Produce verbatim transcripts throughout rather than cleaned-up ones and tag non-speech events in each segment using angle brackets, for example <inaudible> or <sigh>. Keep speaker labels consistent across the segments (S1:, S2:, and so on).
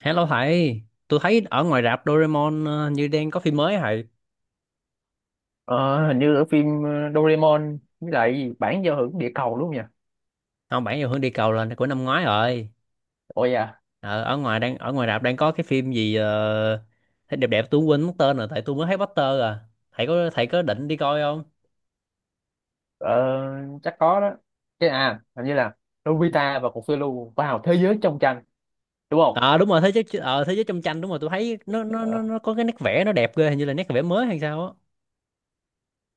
S1: Hello thầy, tôi thấy ở ngoài rạp Doraemon ờ, như đang có phim mới hả thầy.
S2: Ờ, Hình như ở phim ờ, Doraemon với lại cái gì, bản giao hưởng địa cầu đúng không nhỉ?
S1: Không, bản giao hưởng địa cầu là của năm ngoái rồi.
S2: Ôi à,
S1: Ờ, Ở ngoài đang ở ngoài rạp đang có cái phim gì ờ, thấy đẹp đẹp tôi quên mất tên rồi tại tôi mới thấy poster à. Thầy có thầy có định đi coi không?
S2: ờ, chắc có đó. Cái à, hình như là Nobita và cục phiêu lưu vào thế giới trong tranh đúng không?
S1: Ờ đúng rồi, thế giới ờ, thế giới trong tranh, đúng rồi tôi thấy nó nó nó
S2: Ờ,
S1: nó có cái nét vẽ nó đẹp ghê, hình như là nét vẽ mới hay sao á.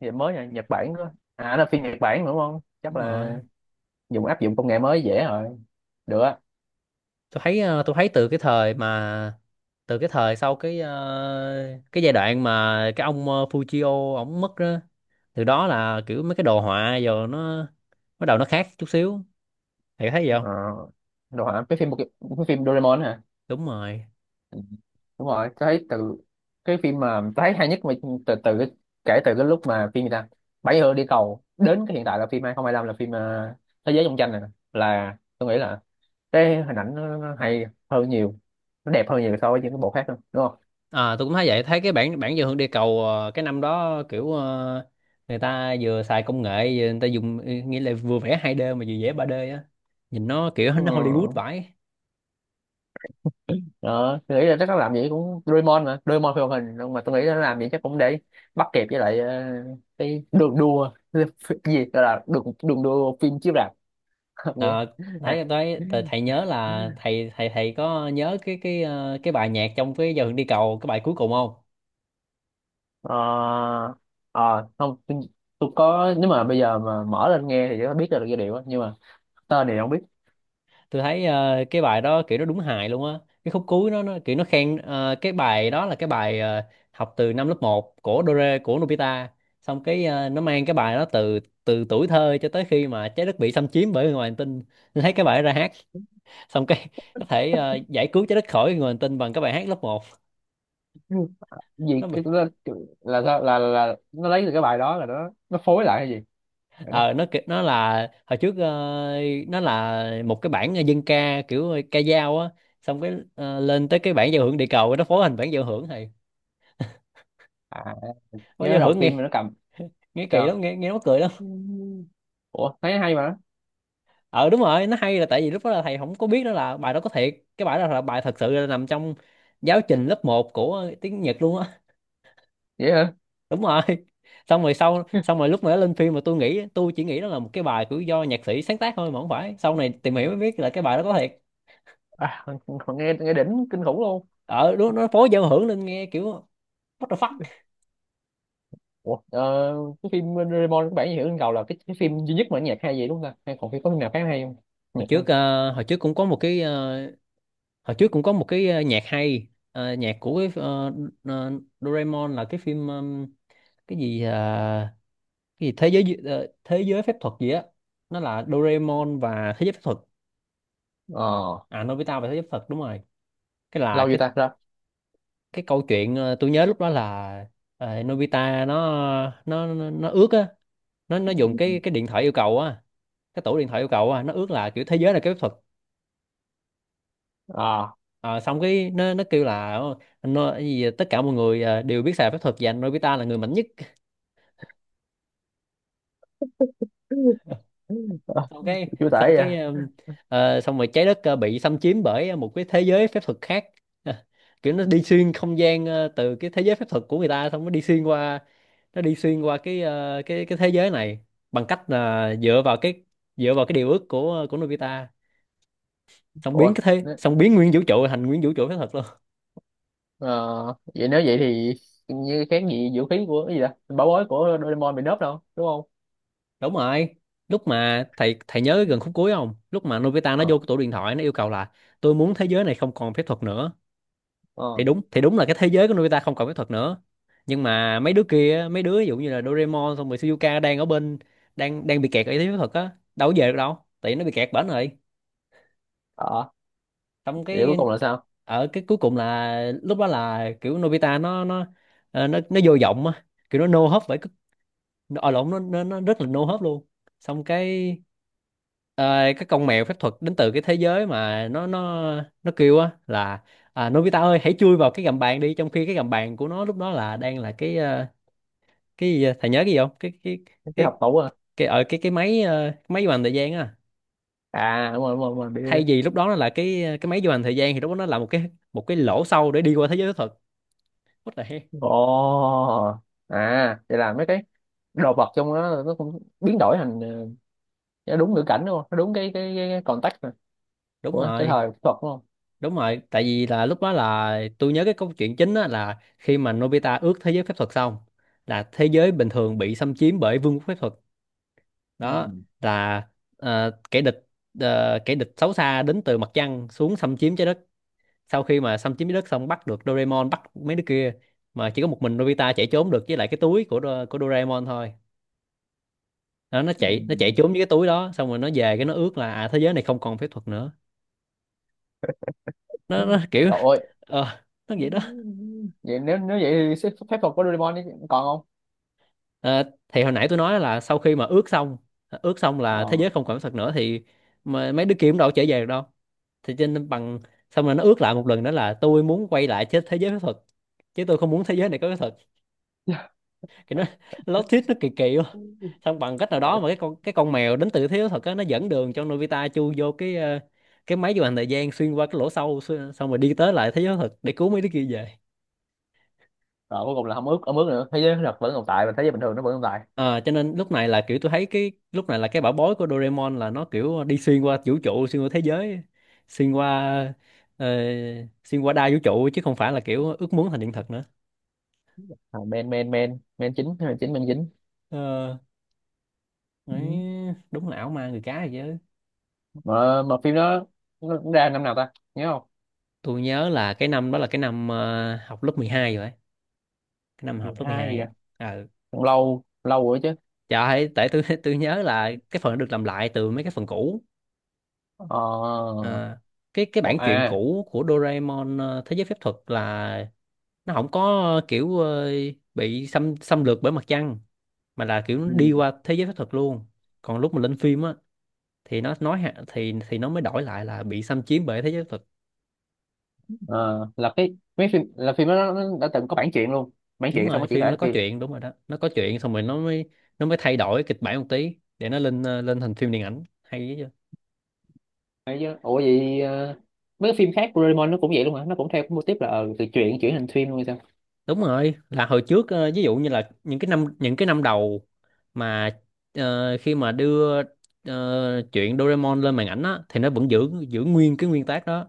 S2: Vậy mới nhỉ, Nhật Bản đó. À, là phim Nhật Bản đúng không? Chắc
S1: Đúng
S2: là
S1: rồi.
S2: dùng áp dụng công nghệ mới dễ rồi. Được á.
S1: Tôi thấy ờ, tôi thấy từ cái thời mà từ cái thời sau cái ờ, cái giai đoạn mà cái ông uh, Fujio ổng mất đó, từ đó là kiểu mấy cái đồ họa giờ nó bắt đầu nó khác chút xíu thì thấy gì không.
S2: Ờ, Đồ hả? Cái phim cái phim Doraemon hả?
S1: Đúng rồi.
S2: Ừ, đúng rồi, tôi thấy từ cái phim mà tôi thấy hay nhất, mà từ từ cái, kể từ cái lúc mà phim gì ta, bảy hươu đi cầu, đến cái hiện tại là phim hai không hai lăm, là phim ờ, thế giới trong tranh này nè. Là tôi nghĩ là cái hình ảnh nó, nó hay hơn nhiều, nó đẹp hơn nhiều so với những cái bộ khác nữa đúng không?
S1: À tôi cũng thấy vậy, thấy cái bản bản dự hưởng địa cầu ờ, cái năm đó kiểu ờ, người ta vừa xài công nghệ vừa người ta dùng, nghĩa là vừa vẽ hai d mà vừa vẽ ba d á, nhìn nó kiểu
S2: Ừ.
S1: nó Hollywood vãi.
S2: Đó, tôi nghĩ là chắc nó làm gì cũng Doraemon, mà Doraemon phim hoạt hình, nhưng mà tôi nghĩ nó làm gì chắc cũng để bắt kịp với lại ờ, cái đường đua <laughs> cái gì gọi là đường đường đua phim chiếu rạp <laughs> nghĩa
S1: Ờ, đấy
S2: ha.
S1: đấy thầy, thầy nhớ là thầy thầy thầy có nhớ cái cái ờ, cái bài nhạc trong cái giờ Hương đi cầu cái bài cuối cùng không?
S2: Ờ, ờ, Không, tôi, tôi, có, nếu mà bây giờ mà mở lên nghe thì sẽ biết ra được giai điệu á, nhưng mà tên thì không biết.
S1: Tôi thấy ờ, cái bài đó kiểu nó đúng hài luôn á. Cái khúc cuối nó nó kiểu nó khen ờ, cái bài đó là cái bài ờ, học từ năm lớp một của Dore của Nobita. Xong cái ờ, nó mang cái bài đó từ từ tuổi thơ cho tới khi mà trái đất bị xâm chiếm bởi người ngoài hành tinh. Tôi thấy cái bài đó ra hát xong cái có thể ờ, giải cứu trái đất khỏi người ngoài hành tinh bằng cái bài hát lớp một.
S2: Ừ. Gì
S1: Nó
S2: cái là là sao, là, là, nó lấy từ cái bài đó, là nó nó phối lại hay gì? Vậy đó.
S1: ờ nó ki- nó là hồi trước, ờ, nó là một cái bản dân ca kiểu ờ, ca dao á, xong cái ờ, lên tới cái bản giao hưởng địa cầu nó phối thành bản giao hưởng thầy.
S2: À,
S1: Phối
S2: nhớ
S1: giao
S2: đọc
S1: hưởng
S2: phim
S1: nghe
S2: mà nó cầm
S1: nghe kỳ
S2: sao.
S1: lắm, nghe nghe nó cười lắm.
S2: Ừ. Ủa, thấy hay mà.
S1: Ờ đúng rồi, nó hay là tại vì lúc đó là thầy không có biết đó là bài đó có thiệt, cái bài đó là bài thật sự là nằm trong giáo trình lớp một của tiếng Nhật luôn á.
S2: Vậy hả?
S1: <laughs> Đúng rồi. xong rồi sau xong
S2: <laughs>
S1: rồi lúc mà nó lên phim mà tôi nghĩ tôi chỉ nghĩ đó là một cái bài của do nhạc sĩ sáng tác thôi, mà không phải, sau này tìm hiểu mới biết là cái bài đó có thiệt.
S2: À, còn nghe nghe đỉnh kinh khủng luôn.
S1: Ờ đúng, nó phối giao hưởng lên nghe kiểu What the fuck?
S2: Ủa, ờ, cái phim Doraemon các bạn hiểu trên cầu là cái, cái phim duy nhất mà nhạc hay vậy đúng không ta, hay còn phim, có phim nào khác hay không,
S1: Hồi
S2: nhạc
S1: trước
S2: không?
S1: ờ, hồi trước cũng có một cái ờ, hồi trước cũng có một cái ờ, nhạc hay. Ờ, nhạc của cái ờ, ờ, Doraemon là cái phim, ừm, cái gì ờ, cái gì thế giới Di- ờ, thế giới phép thuật gì á. Nó là Doraemon và thế giới phép thuật.
S2: ờ
S1: À, Nobita và thế giới phép thuật, đúng rồi. Cái là
S2: Lâu chưa
S1: cái
S2: ta ra?
S1: cái câu chuyện ờ, tôi nhớ lúc đó là ờ, Nobita nó nó nó, nó ước á, nó nó dùng cái cái điện thoại yêu cầu á, cái tủ điện thoại yêu cầu á, nó ước là kiểu thế giới là cái phép thuật.
S2: À.
S1: Ờ, xong cái nó nó kêu là nó cái gì tất cả mọi người ờ, đều biết xài phép thuật và anh Nobita là người mạnh nhất. <laughs>
S2: Ờ,
S1: xong cái
S2: chú
S1: xong
S2: tải vậy
S1: cái
S2: à?
S1: um, ờ, xong rồi trái đất ờ, bị xâm chiếm bởi một cái thế giới phép thuật khác. <laughs> Kiểu nó đi xuyên không gian ờ, từ cái thế giới phép thuật của người ta xong nó đi xuyên qua nó đi xuyên qua cái ờ, cái cái thế giới này bằng cách là dựa vào cái dựa vào cái điều ước của của Nobita, xong biến
S2: Ủa,
S1: cái thế
S2: nếu-
S1: xong biến nguyên vũ trụ thành nguyên vũ trụ phép thuật luôn.
S2: ờ, vậy nếu vậy thì như kháng nghị vũ khí của cái gì đó, bảo bối của Doraemon bị nớp đâu đúng không?
S1: Đúng rồi, lúc mà thầy thầy nhớ gần khúc cuối không, lúc mà Nobita nó
S2: ờ
S1: vô cái tủ điện thoại nó yêu cầu là tôi muốn thế giới này không còn phép thuật nữa, thì
S2: ờ
S1: đúng thì đúng là cái thế giới của Nobita không còn phép thuật nữa, nhưng mà mấy đứa kia, mấy đứa ví dụ như là Doraemon xong rồi Shizuka, đang ở bên đang đang bị kẹt ở thế giới phép thuật á, đâu có về được đâu tại vì nó bị kẹt bển rồi,
S2: ờ
S1: xong
S2: Vậy cuối
S1: cái,
S2: cùng là sao?
S1: ở cái cuối cùng là lúc đó là kiểu Nobita nó nó ờ, nó nó vô vọng á, kiểu nó no hope, với ở lộn, nó, nó nó rất là no hope luôn. Xong cái ờ, cái con mèo phép thuật đến từ cái thế giới mà nó nó nó kêu á là, à, Nobita ơi hãy chui vào cái gầm bàn đi, trong khi cái gầm bàn của nó lúc đó là đang là cái, ờ, cái gì vậy? Thầy nhớ cái gì không? Cái cái
S2: Cái hộp
S1: cái
S2: tủ à?
S1: cái ở cái cái máy ờ, cái máy du hành thời gian á.
S2: À, đúng rồi, đúng rồi, đúng rồi.
S1: Thay
S2: Bị-
S1: vì lúc đó nó là cái cái máy du hành thời gian, thì lúc đó nó là một cái một cái lỗ sâu để đi qua thế giới phép thuật. What the heck?
S2: ồ. À, vậy là mấy cái đồ vật trong đó nó cũng biến đổi thành ờ, nó đúng ngữ cảnh đúng không, nó đúng cái cái, cái, cái context này
S1: Đúng
S2: của cái
S1: rồi.
S2: thời thuật đúng không?
S1: Đúng rồi, tại vì là lúc đó là tôi nhớ cái câu chuyện chính á là khi mà Nobita ước thế giới phép thuật xong là thế giới bình thường bị xâm chiếm bởi vương quốc phép thuật.
S2: Ừ.
S1: Đó là ờ, kẻ địch ờ, kẻ địch xấu xa đến từ mặt trăng xuống xâm chiếm trái đất. Sau khi mà xâm chiếm trái đất xong, bắt được Doraemon, bắt mấy đứa kia, mà chỉ có một mình Nobita chạy trốn được với lại cái túi của Do- của Doraemon thôi. Đó, nó
S2: Ừ.
S1: chạy nó chạy trốn với cái túi đó, xong rồi nó về cái nó ước là, à, thế giới này không còn phép thuật nữa. Nó, nó kiểu
S2: Rồi,
S1: ờ, nó vậy đó.
S2: vậy nếu nếu vậy thì phép thuật của Doraemon còn không?
S1: Ờ, thì hồi nãy tôi nói là, sau khi mà ước xong ước xong là thế
S2: Ờ.
S1: giới không còn có thật nữa thì mà mấy đứa kia cũng đâu có trở về được đâu, thì cho nên bằng, xong rồi nó ước lại một lần đó là, tôi muốn quay lại thế thế giới phép thuật chứ tôi không muốn thế giới này có cái thật, thì nó <laughs> lót thuyết nó kỳ kỳ quá, xong bằng cách nào đó mà cái con cái con mèo đến từ thế giới phép á nó dẫn đường cho Nobita chui vô cái, ờ, cái máy du hành thời gian xuyên qua cái lỗ sâu, xuyên- xong rồi đi tới lại thế giới thật để cứu mấy đứa kia về.
S2: Rồi cuối cùng là không ướt, không ướt, nữa, thế giới thật vẫn tồn tại và thế giới bình thường nó vẫn tồn tại.
S1: Ờ, cho nên lúc này là kiểu tôi thấy cái lúc này là cái bảo bối của Doraemon là nó kiểu đi xuyên qua vũ trụ, xuyên qua thế giới, xuyên qua ờ, xuyên qua đa vũ trụ, chứ không phải là kiểu ước muốn thành hiện thực nữa.
S2: À, men men men men chính men chính men chính.
S1: Ờ, đấy,
S2: Ừ.
S1: đúng là ảo ma người cá rồi chứ.
S2: mà mà phim đó nó cũng ra năm nào ta nhớ không?
S1: Tôi nhớ là cái năm đó là cái năm ờ, học lớp mười hai rồi ấy, cái năm học lớp mười
S2: mười hai gì
S1: hai á.
S2: vậy?
S1: Ờ,
S2: Cũng lâu lâu rồi chứ.
S1: trời ơi, tại tôi <laughs> tôi nhớ là cái phần nó được làm lại từ mấy cái phần cũ.
S2: ờ
S1: Ờ, cái cái
S2: còn-
S1: bản truyện
S2: À,
S1: cũ của Doraemon ờ, Thế giới phép thuật là nó không có ờ, kiểu ờ, bị xâm xâm lược bởi mặt trăng, mà là kiểu nó đi
S2: ừ,
S1: qua thế giới phép thuật luôn. Còn lúc mà lên phim á thì nó nói hạ- thì thì nó mới đổi lại là bị xâm chiếm bởi thế giới phép thuật.
S2: ờ, là cái mấy phim, là phim đó nó nó đã từng có bản truyện luôn, bản
S1: Đúng
S2: truyện xong
S1: rồi,
S2: nó chuyển thể
S1: phim nó
S2: thành
S1: có
S2: phim.
S1: chuyện đúng rồi đó. Nó có chuyện xong rồi nó mới nó mới thay đổi kịch bản một tí để nó lên ờ, lên thành phim điện ảnh hay.
S2: Đấy chứ. Ủa vậy, ờ, mấy cái phim khác của Doraemon nó cũng vậy luôn hả, nó cũng theo cái mô típ là ờ, từ truyện chuyển thành phim luôn hay sao?
S1: Đúng rồi, là hồi trước, ờ, ví dụ như là những cái năm những cái năm đầu mà ờ, khi mà đưa ờ, chuyện Doraemon lên màn ảnh á thì nó vẫn giữ giữ nguyên cái nguyên tác đó,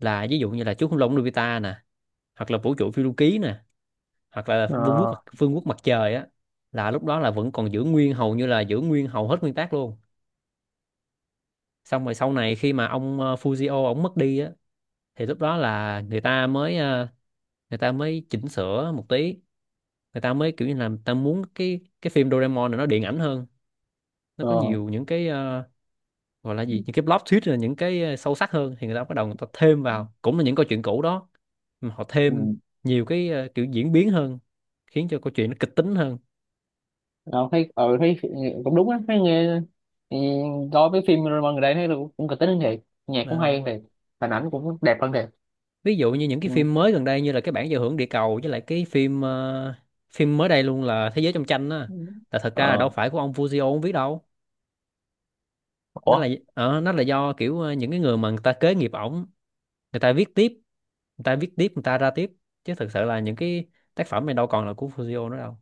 S1: là ví dụ như là chú khủng long Nobita nè, hoặc là vũ trụ phiêu lưu ký nè, hoặc là vương quốc
S2: ờ
S1: mặt phương quốc mặt trời á, là lúc đó là vẫn còn giữ nguyên, hầu như là giữ nguyên hầu hết nguyên tác luôn. Xong rồi sau này khi mà ông ờ, Fujio ông mất đi á thì lúc đó là người ta mới, ờ, người ta mới chỉnh sửa một tí, người ta mới kiểu như là người ta muốn cái cái phim Doraemon này nó điện ảnh hơn, nó có
S2: ờ
S1: nhiều những cái ờ, gọi là gì, những cái plot twist, là những cái ờ, sâu sắc hơn, thì người ta bắt đầu người ta thêm vào cũng là những câu chuyện cũ đó, mà họ
S2: ừ.
S1: thêm nhiều cái ờ, kiểu diễn biến hơn, khiến cho câu chuyện nó kịch tính hơn.
S2: Ờ, thấy ờ thấy cũng đúng á, thấy nghe thì coi mấy phim Real gần đây thấy là cũng, cũng kịch tính hơn thiệt, nhạc cũng hay
S1: À,
S2: hơn thiệt, hình ảnh cũng đẹp hơn thiệt.
S1: ví dụ như những cái
S2: Ừ.
S1: phim mới gần đây như là cái bản giao hưởng địa cầu, với lại cái phim ờ, phim mới đây luôn là thế giới trong tranh á,
S2: Ừ.
S1: là thật ra là đâu
S2: ờ
S1: phải của ông Fujio ông viết đâu. Đó
S2: Ủa,
S1: là ờ, nó là do kiểu ờ, những cái người mà người ta kế nghiệp ổng, người ta viết tiếp, người ta viết tiếp người ta ra tiếp, chứ thực sự là những cái tác phẩm này đâu còn là của Fujio nữa đâu.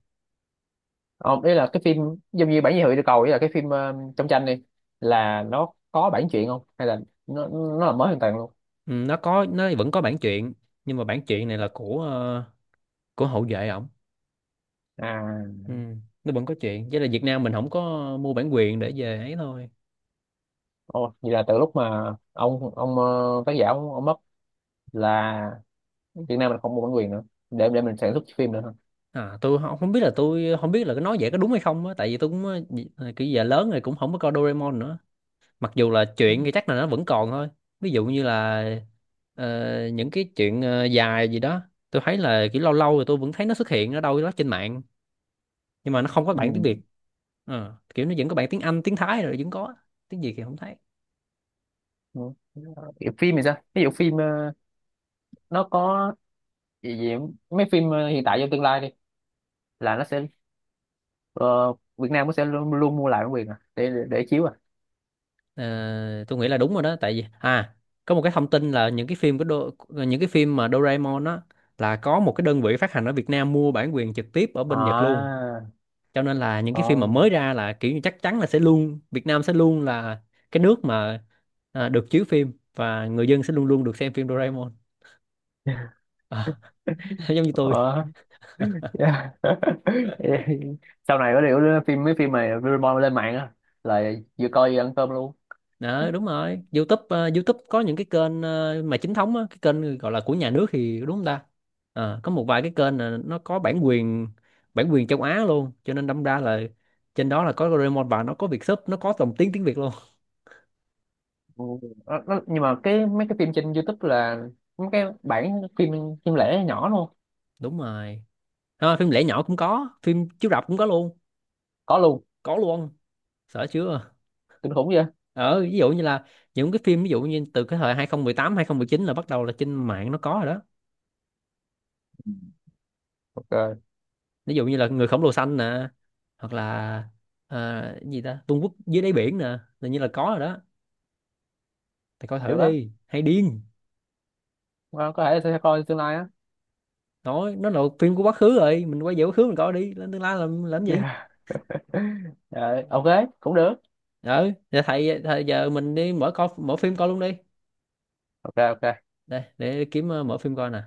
S2: ờ, ý là cái phim giống như bản dị hữu địa cầu, ý là cái phim ờ, trong tranh đi, là nó có bản truyện không hay là nó nó là mới hoàn toàn luôn?
S1: Ừ, nó có nó vẫn có bản truyện, nhưng mà bản truyện này là của ờ, của hậu vệ ổng.
S2: À.
S1: Ừ, nó vẫn có chuyện, chỉ là Việt Nam mình không có mua bản quyền để về ấy thôi.
S2: Ồ, vậy là từ lúc mà ông ông ờ, tác giả ông, ông mất, là Việt Nam mình không mua bản quyền nữa, để để mình sản xuất phim nữa hả?
S1: À, tôi không không biết, là tôi không biết là cái nói vậy có đúng hay không á, tại vì tôi cũng ờ, dị- ờ, kiểu giờ lớn rồi cũng không có coi Doraemon nữa, mặc dù là chuyện thì chắc là nó vẫn còn thôi. Ví dụ như là ờ, những cái chuyện ờ, dài gì đó, tôi thấy là kiểu lâu lâu rồi tôi vẫn thấy nó xuất hiện ở đâu đó trên mạng, nhưng mà nó không có bản tiếng
S2: Ừ.
S1: Việt. Ờ, kiểu nó vẫn có bản tiếng Anh, tiếng Thái, rồi vẫn có tiếng gì thì không thấy.
S2: Ừ. Phim thì sao, ví dụ phim ờ, nó có, vì gì, mấy phim ờ, hiện tại trong tương lai đi, là nó sẽ ờ, Việt Nam nó sẽ luôn, luôn mua lại bản quyền à, để để, để chiếu à?
S1: Ờ, tôi nghĩ là đúng rồi đó, tại vì à có một cái thông tin là những cái phim của Do, những cái phim mà Doraemon á, là có một cái đơn vị phát hành ở Việt Nam mua bản quyền trực tiếp ở bên Nhật luôn,
S2: À.
S1: cho nên là những cái phim mà
S2: ờ
S1: mới ra là kiểu như chắc chắn là sẽ luôn, Việt Nam sẽ luôn là cái nước mà à, được chiếu phim, và người dân sẽ luôn luôn được xem phim Doraemon. À, <laughs> giống như tôi.
S2: ờ <laughs> Sau này có điều phim mấy phim mà Doraemon lên mạng á là vừa coi vừa ăn cơm luôn.
S1: Đó, đúng rồi. YouTube, ờ, YouTube có những cái kênh ờ, mà chính thống á, cái kênh gọi là của nhà nước thì đúng không ta? Ờ, có một vài cái kênh là nó có bản quyền, bản quyền châu Á luôn, cho nên đâm ra là trên đó là có Doraemon, và nó có Việt sub, nó có dòng tiếng tiếng Việt luôn. <laughs>
S2: Ừ, nó, nó, nhưng mà cái mấy cái phim trên YouTube là mấy cái bản phim phim lẻ nhỏ luôn,
S1: Đúng rồi. Ờ, phim lẻ nhỏ cũng có, phim chiếu rạp cũng có luôn,
S2: có luôn.
S1: có luôn. Sợ chưa?
S2: Kinh khủng vậy.
S1: Ờ, ví dụ như là những cái phim ví dụ như từ cái thời hai không một tám chín là bắt đầu là trên mạng nó có rồi đó.
S2: Ok,
S1: Ví dụ như là Người khổng lồ xanh nè, hoặc là ờ, gì ta, Vương quốc dưới đáy biển nè, là như là có rồi đó, thì coi thử
S2: được á.
S1: đi hay điên.
S2: Ờ, có thể sẽ coi tương lai á.
S1: Nói nó là phim của quá khứ rồi mình quay về quá khứ mình coi, đi lên tương lai làm làm gì.
S2: Yeah. <laughs> Ờ, ok, cũng được.
S1: Ừ giờ thầy, thầy giờ mình đi mở coi, mở phim coi luôn đi,
S2: Ok, ok.
S1: đây để kiếm ờ, mở phim coi nè